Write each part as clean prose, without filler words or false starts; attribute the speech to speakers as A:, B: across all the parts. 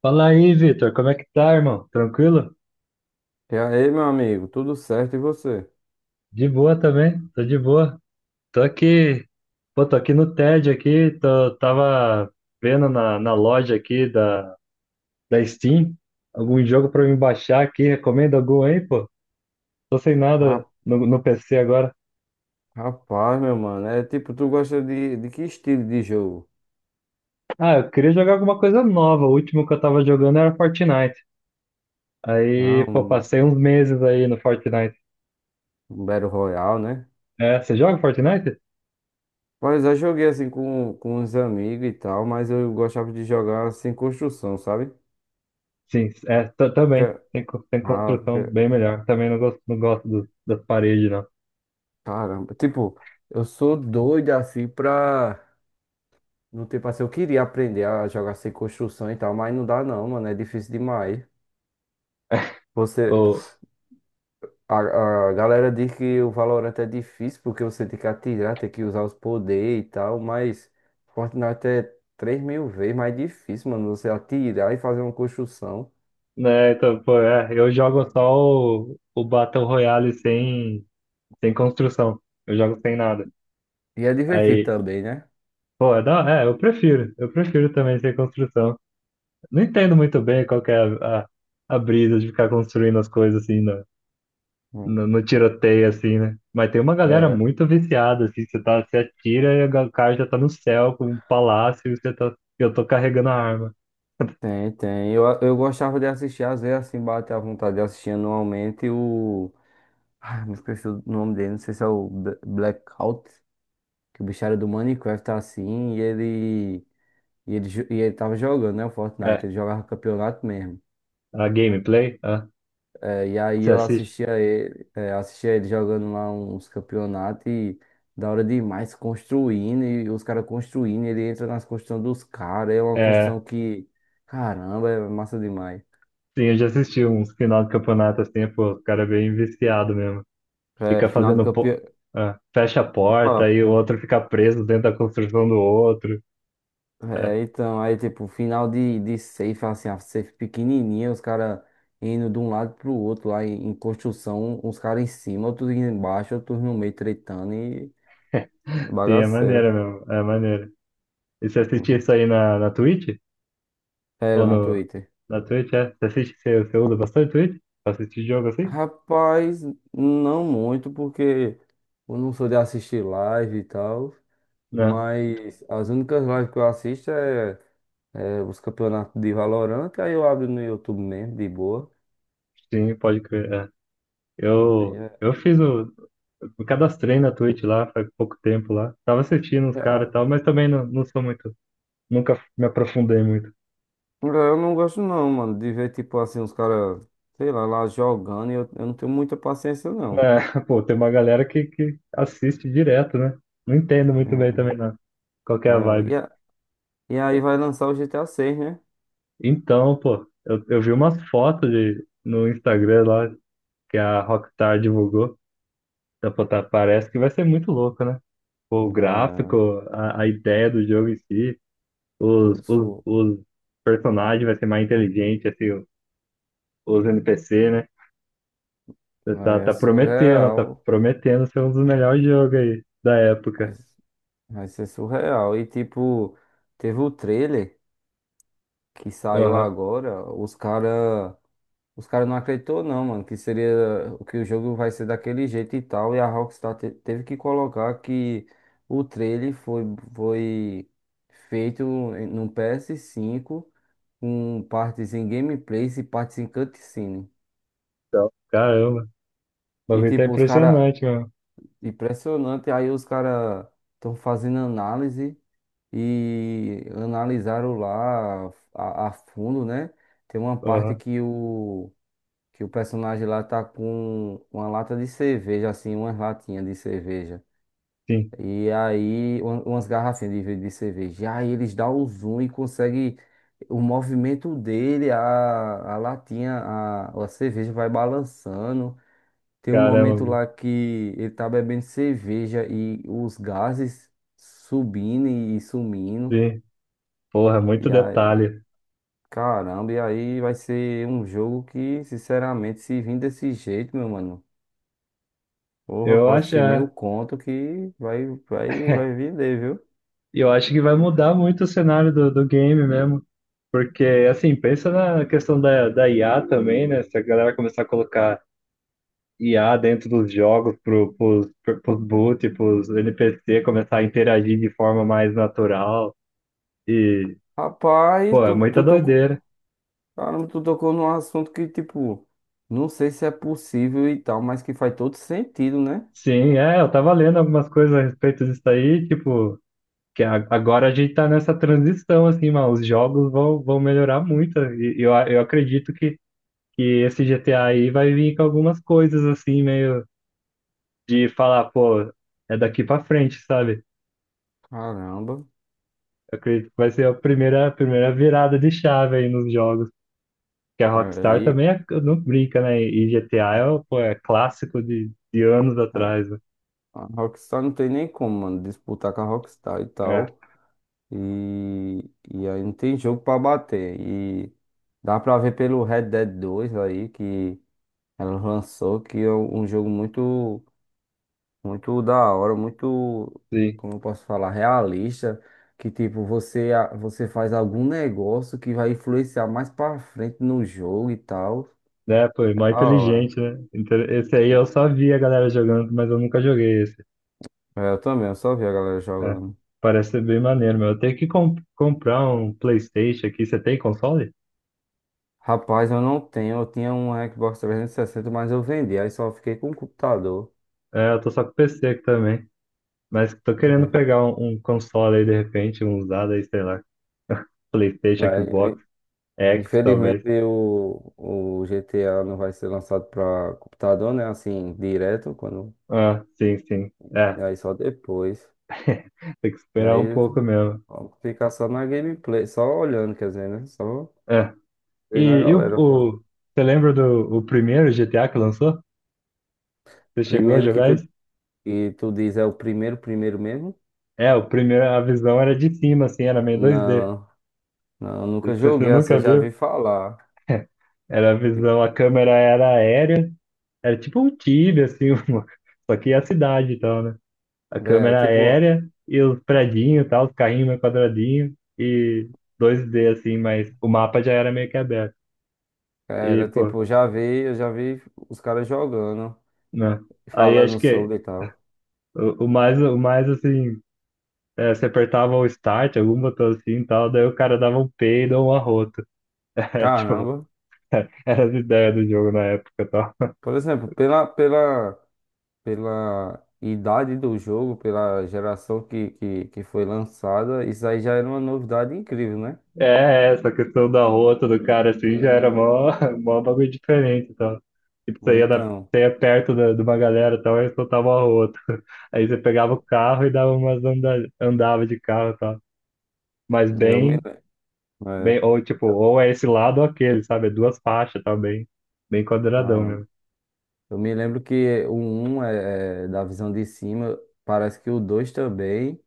A: Fala aí, Vitor, como é que tá, irmão? Tranquilo?
B: E aí, meu amigo, tudo certo e você?
A: De boa também, tô de boa. Tô aqui, pô, tô aqui no TED aqui, tava vendo na loja aqui da Steam algum jogo pra me baixar aqui. Recomenda algum aí, pô? Tô sem nada
B: Ra-
A: no PC agora.
B: Rapaz, meu mano, é tipo, tu gosta de que estilo de jogo?
A: Ah, eu queria jogar alguma coisa nova. O último que eu tava jogando era Fortnite.
B: Ah,
A: Aí, pô, passei uns meses aí no Fortnite.
B: um Battle Royale, né?
A: É, você joga Fortnite?
B: Pois eu joguei assim com uns amigos e tal, mas eu gostava de jogar assim construção, sabe?
A: Sim, é, também.
B: Porque,
A: Tem, tem
B: ah,
A: construção
B: porque,
A: bem melhor. Também não gosto, não gosto das paredes, não.
B: Caramba, tipo, eu sou doido assim pra. No tempo assim, eu queria aprender a jogar sem construção e tal, mas não dá não, mano, é difícil demais. Você,
A: Ou,
B: A, a galera diz que o Valorant é difícil porque você tem que atirar, tem que usar os poderes e tal, mas Fortnite é 3000 vezes mais difícil, mano. Você atirar e fazer uma construção.
A: né, então, pô, é, eu jogo só o Battle Royale sem construção. Eu jogo sem nada.
B: E é divertido
A: Aí,
B: também, né?
A: pô, é, é, eu prefiro. Eu prefiro também sem construção. Não entendo muito bem qual que é a brisa de ficar construindo as coisas assim,
B: Hum.
A: no tiroteio, assim, né? Mas tem uma galera
B: É.
A: muito viciada. Assim, você tá, você atira e o cara já tá no céu com um palácio e você tá, eu tô carregando a arma.
B: Tem, tem. Eu gostava de assistir, às vezes assim, bate a vontade de assistir anualmente o. Ah, me esqueci o nome dele, não sei se é o Blackout, que o bicho era do Minecraft tá assim, e ele. E ele, e ele tava jogando, né? O Fortnite,
A: É,
B: ele jogava campeonato mesmo.
A: a gameplay, ah,
B: É, e aí
A: você
B: eu
A: assiste?
B: assistia ele, é, assistia ele jogando lá uns campeonatos e da hora demais construindo, e os caras construindo, ele entra nas construções dos caras, é uma
A: É,
B: construção que, caramba, é massa demais.
A: sim, eu já assisti uns final de campeonato. Assim, pô, o cara é bem viciado mesmo.
B: É,
A: Fica
B: final de
A: fazendo,
B: campeão.
A: ah, fecha a porta e o outro fica preso dentro da construção do outro. É,
B: É, então, aí tipo, final de safe, assim, a safe pequenininha, os caras indo de um lado pro outro lá em construção, uns caras em cima, outros embaixo, outros no meio tretando e
A: sim, é
B: bagaceira.
A: maneiro mesmo, é maneiro. E você assistia isso aí na Twitch?
B: Era
A: Ou
B: na
A: no,
B: Twitter.
A: na Twitch, é? Você assiste, você usa bastante Twitch? Pra assistir jogo assim?
B: Rapaz, não muito, porque eu não sou de assistir live e tal,
A: Não.
B: mas as únicas lives que eu é os campeonatos de Valorant, aí eu abro no YouTube mesmo, de boa.
A: Sim, pode crer, é.
B: Aí é,
A: Eu fiz o... Me cadastrei na Twitch lá, faz pouco tempo lá. Tava assistindo os
B: é,
A: caras e tal, mas também não, não sou muito... Nunca me aprofundei muito.
B: eu não gosto não, mano, de ver tipo assim, os caras, sei lá, lá jogando, e eu não tenho muita paciência
A: É,
B: não.
A: pô, tem uma galera que assiste direto, né? Não entendo muito bem também, não. Qual que é
B: É,
A: a
B: é, e,
A: vibe?
B: a- e aí vai lançar o GTA seis, né?
A: Então, pô, eu vi umas fotos de, no Instagram lá que a Rockstar divulgou. Então, pô, tá, parece que vai ser muito louco, né? O
B: É,
A: gráfico, a ideia do jogo em si,
B: su, su,
A: os personagens vai ser mais inteligente, assim, os NPC, né? Tá,
B: É
A: tá
B: surreal.
A: prometendo ser um dos melhores jogos aí da época.
B: Vai ser surreal. E tipo, teve o trailer que saiu
A: Aham.
B: agora, os cara não acreditou não, mano, que seria que o jogo vai ser daquele jeito e tal, e a Rockstar teve que colocar que o trailer foi feito no PS5 com partes em gameplays e partes em cutscene.
A: Então, caramba, o
B: E
A: bagulho tá
B: tipo, os cara
A: impressionante, mano.
B: impressionante, aí os cara estão fazendo análise e analisaram lá a fundo, né? Tem uma parte
A: Aham.
B: que o personagem lá tá com uma lata de cerveja, assim, umas latinhas de cerveja.
A: Sim,
B: E aí, umas garrafinhas de cerveja. E aí eles dão o zoom e conseguem o movimento dele, a latinha, a cerveja vai balançando. Tem um
A: caramba,
B: momento
A: mano,
B: lá que ele tá bebendo cerveja e os gases subindo e sumindo.
A: sim. Porra,
B: E
A: muito detalhe.
B: caramba, e aí vai ser um jogo que, sinceramente, se vir desse jeito, meu mano, porra,
A: Eu
B: pode
A: acho,
B: ser
A: é,
B: 1000 conto que vai vender, viu?
A: eu acho que vai mudar muito o cenário do game mesmo. Porque, assim, pensa na questão da IA também, né? Se a galera começar a colocar IA dentro dos jogos pros boot, pros NPC começar a interagir de forma mais natural. E,
B: Rapaz,
A: pô, é
B: tu,
A: muita
B: tu tocou,
A: doideira.
B: caramba, tu tocou num assunto que, tipo, não sei se é possível e tal, mas que faz todo sentido, né?
A: Sim, é, eu tava lendo algumas coisas a respeito disso aí. Tipo, que agora a gente tá nessa transição, assim, mano. Os jogos vão, vão melhorar muito. E eu acredito que esse GTA aí vai vir com algumas coisas, assim, meio de falar, pô, é daqui pra frente, sabe?
B: Caramba,
A: Eu acredito que vai ser a primeira virada de chave aí nos jogos. Que a
B: é,
A: Rockstar
B: e,
A: também não brinca, né? E GTA é, pô, é clássico de anos
B: é,
A: atrás, né?
B: A Rockstar não tem nem como, mano, disputar com a Rockstar e
A: É,
B: tal. E, e aí não tem jogo pra bater. E dá pra ver pelo Red Dead 2 aí que ela lançou, que é um jogo muito, muito da hora, muito,
A: sim.
B: como eu posso falar, realista. Que tipo, você faz algum negócio que vai influenciar mais pra frente no jogo e tal.
A: Né, pô, é
B: É
A: mó
B: da hora.
A: inteligente, né? Então, esse aí eu só vi a galera jogando, mas eu nunca joguei esse.
B: É, eu também, eu só vi a galera
A: É.
B: jogando.
A: Parece ser bem maneiro, meu. Eu tenho que comprar um PlayStation aqui. Você tem console?
B: Rapaz, eu não tenho, eu tinha um Xbox 360, mas eu vendi, aí só fiquei com o computador.
A: É, eu tô só com PC aqui também. Mas tô querendo pegar um console aí, de repente, um usado aí, sei lá. PlayStation,
B: É.
A: Xbox, X, talvez.
B: Infelizmente o GTA não vai ser lançado para computador, né? Assim, direto, quando.
A: Ah, sim, sim. É,
B: E aí só depois.
A: tem que
B: E
A: esperar um
B: aí
A: pouco mesmo.
B: ficar só na gameplay, só olhando, quer dizer, né? Só
A: É. E,
B: vendo a
A: e o,
B: galera fazendo.
A: você lembra do o primeiro GTA que lançou? Você chegou a
B: Primeiro que tu,
A: jogar isso?
B: que tu diz é o primeiro mesmo?
A: É, o primeiro, a visão era de cima, assim, era meio 2D.
B: Não, não, nunca
A: Você, você
B: joguei assim,
A: nunca
B: eu já
A: viu?
B: vi falar.
A: Era a
B: Ti-
A: visão, a câmera era aérea, era tipo um Tibia, assim, uma- só que a cidade e tal, né? A
B: É,
A: câmera
B: tipo,
A: aérea e os predinhos e tal, os carrinhos meio quadradinhos e 2D, assim, mas o mapa já era meio que aberto. E, pô,
B: já vi, eu já vi os caras jogando,
A: né? Aí acho
B: falando
A: que
B: sobre e tal.
A: o mais, assim, é, você apertava o start, algum botão assim e tal. Daí o cara dava um peido ou um arroto. É, tipo,
B: Caramba.
A: era as ideias do jogo na época e tal.
B: Por exemplo, pela idade do jogo, pela geração que foi lançada, isso aí já era uma novidade incrível, né?
A: É, é, essa questão do arroto do cara assim já era mó, mó bagulho diferente e tal. Tipo, você ia, na,
B: Então,
A: você ia perto da, de uma galera e tal, aí soltava o arroto. Aí você pegava o carro e dava umas anda, andava de carro e tal. Mas
B: eu me,
A: bem,
B: le- é,
A: bem, ou tipo, ou é esse lado ou aquele, sabe? É duas faixas e tal, bem, bem quadradão
B: caramba.
A: mesmo.
B: Eu me lembro que o um é, é da visão de cima, parece que o 2 também,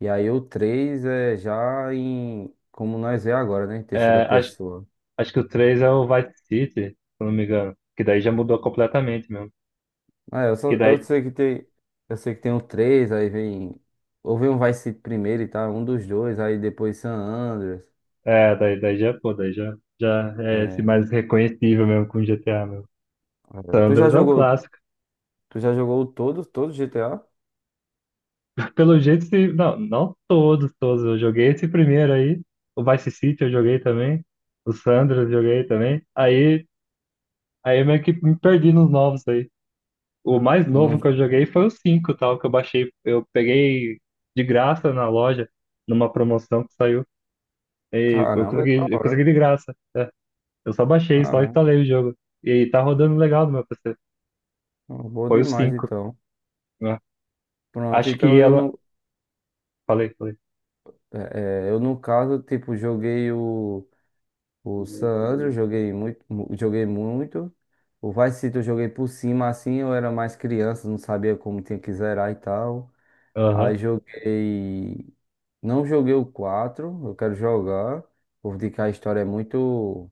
B: e aí o 3 é já em, como nós vê agora, né? Em terceira
A: É,
B: pessoa.
A: acho que o 3 é o Vice City, se eu não me engano. Que daí já mudou completamente mesmo.
B: É, eu,
A: Que
B: só, eu
A: daí,
B: sei que tem, eu sei que tem o 3, aí vem, ou vem um Vice City primeiro e tal, um dos dois, aí depois San Andreas.
A: é, daí, daí já, pô, daí já, já é esse
B: é,
A: mais reconhecível mesmo, com GTA mesmo. San
B: Tu já
A: Andreas é um clássico.
B: tu já jogou todo, todo GTA?
A: Pelo jeito, se, não, não todos, todos. Eu joguei esse primeiro aí. O Vice City eu joguei também. O San Andreas eu joguei também. Aí, aí eu meio que me perdi nos novos aí. O mais novo que
B: Não-
A: eu joguei foi o 5 tal, que eu baixei. Eu peguei de graça na loja, numa promoção que saiu. E
B: caramba, da
A: eu consegui
B: hora.
A: de graça. É. Eu só baixei, só
B: Caramba,
A: instalei o jogo. E tá rodando legal no meu PC.
B: bom
A: Foi o
B: demais
A: cinco,
B: então.
A: né?
B: Pronto,
A: Acho que
B: então eu
A: ela.
B: não,
A: Falei, falei.
B: é, é, Eu no caso, tipo, joguei o San Andreas, joguei muito, joguei muito. O Vice City eu joguei por cima, assim, eu era mais criança, não sabia como tinha que zerar e tal.
A: Aham.
B: Aí joguei, não joguei o 4, eu quero jogar. Vou dizer que a história é muito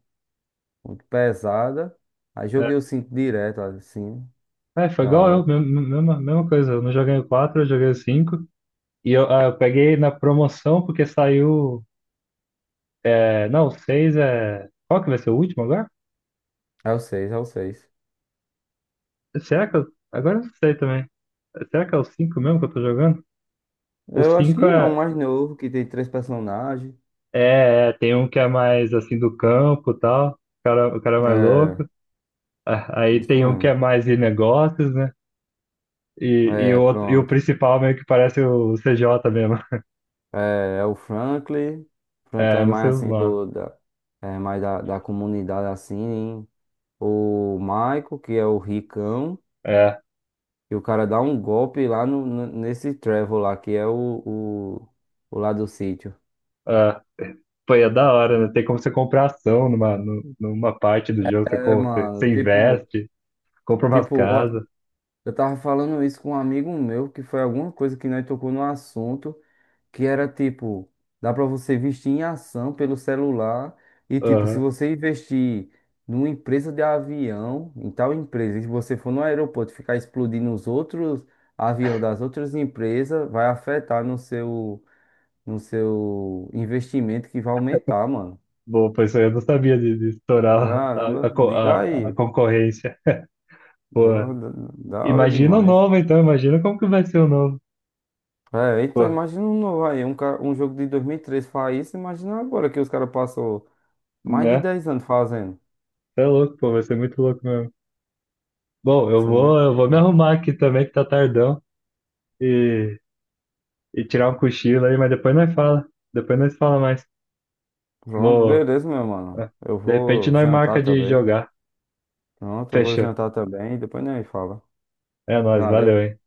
B: muito pesada. Aí
A: É.
B: joguei o 5 direto, assim,
A: É, foi
B: da
A: igual
B: hora.
A: eu, mesma, mesma mesma coisa. Eu não joguei o 4, eu joguei o 5. E eu, ah, eu peguei na promoção porque saiu. É, não, o 6 é. Qual que vai ser o último agora?
B: É, o 6 é o seis.
A: Será que eu. Agora eu não sei também. Será que é o 5 mesmo que eu tô jogando? O
B: Eu acho que
A: 5.
B: é um mais novo, que tem três personagens.
A: É, é, tem um que é mais assim do campo e tal. O cara, o cara é mais louco.
B: É,
A: Ah, aí
B: isso
A: tem um que é
B: mesmo.
A: mais de negócios, né? E,
B: É,
A: o outro, e o
B: pronto.
A: principal meio que parece o CJ mesmo.
B: É, é o Franklin. Franklin
A: É,
B: é
A: não sei
B: mais
A: os
B: assim,
A: nomes.
B: é mais da comunidade, assim. O Michael, que é o ricão.
A: É,
B: E o cara dá um golpe lá nesse Trevor lá, que é o lá do sítio.
A: é. Pô, e é da hora, né? Tem como você comprar ação numa, numa parte do jogo. Você,
B: É,
A: você,
B: mano,
A: você
B: tipo,
A: investe, compra umas
B: tipo,
A: casas.
B: eu tava falando isso com um amigo meu, que foi alguma coisa que nós tocou no assunto, que era tipo, dá pra você investir em ação pelo celular e tipo, se
A: Aham.
B: você investir numa empresa de avião, em tal empresa, e se você for no aeroporto e ficar explodindo os outros aviões das outras empresas, vai afetar no seu no seu investimento que vai aumentar, mano.
A: Bom, pois eu não sabia de estourar
B: Caramba, liga
A: a
B: aí.
A: concorrência.
B: Da
A: Pô,
B: da hora
A: imagina o
B: demais.
A: novo, então, imagina como que vai ser o novo.
B: É, então
A: Pô,
B: imagina um novo aí, um jogo de 2003 faz isso, imagina agora que os caras passou mais de
A: né?
B: 10 anos fazendo.
A: É louco, pô, vai ser muito louco mesmo. Bom,
B: Isso é muito...
A: eu vou me arrumar aqui também, que tá tardão, e, e tirar um cochilo aí. Mas depois nós fala. Depois nós fala mais.
B: Pronto,
A: Vou.
B: beleza, meu mano.
A: Ah,
B: Eu
A: de repente
B: vou
A: nós
B: jantar
A: marca de
B: também.
A: jogar.
B: Pronto, eu vou
A: Fechou.
B: jantar também, depois nem fala.
A: É nóis,
B: Valeu.
A: valeu, hein?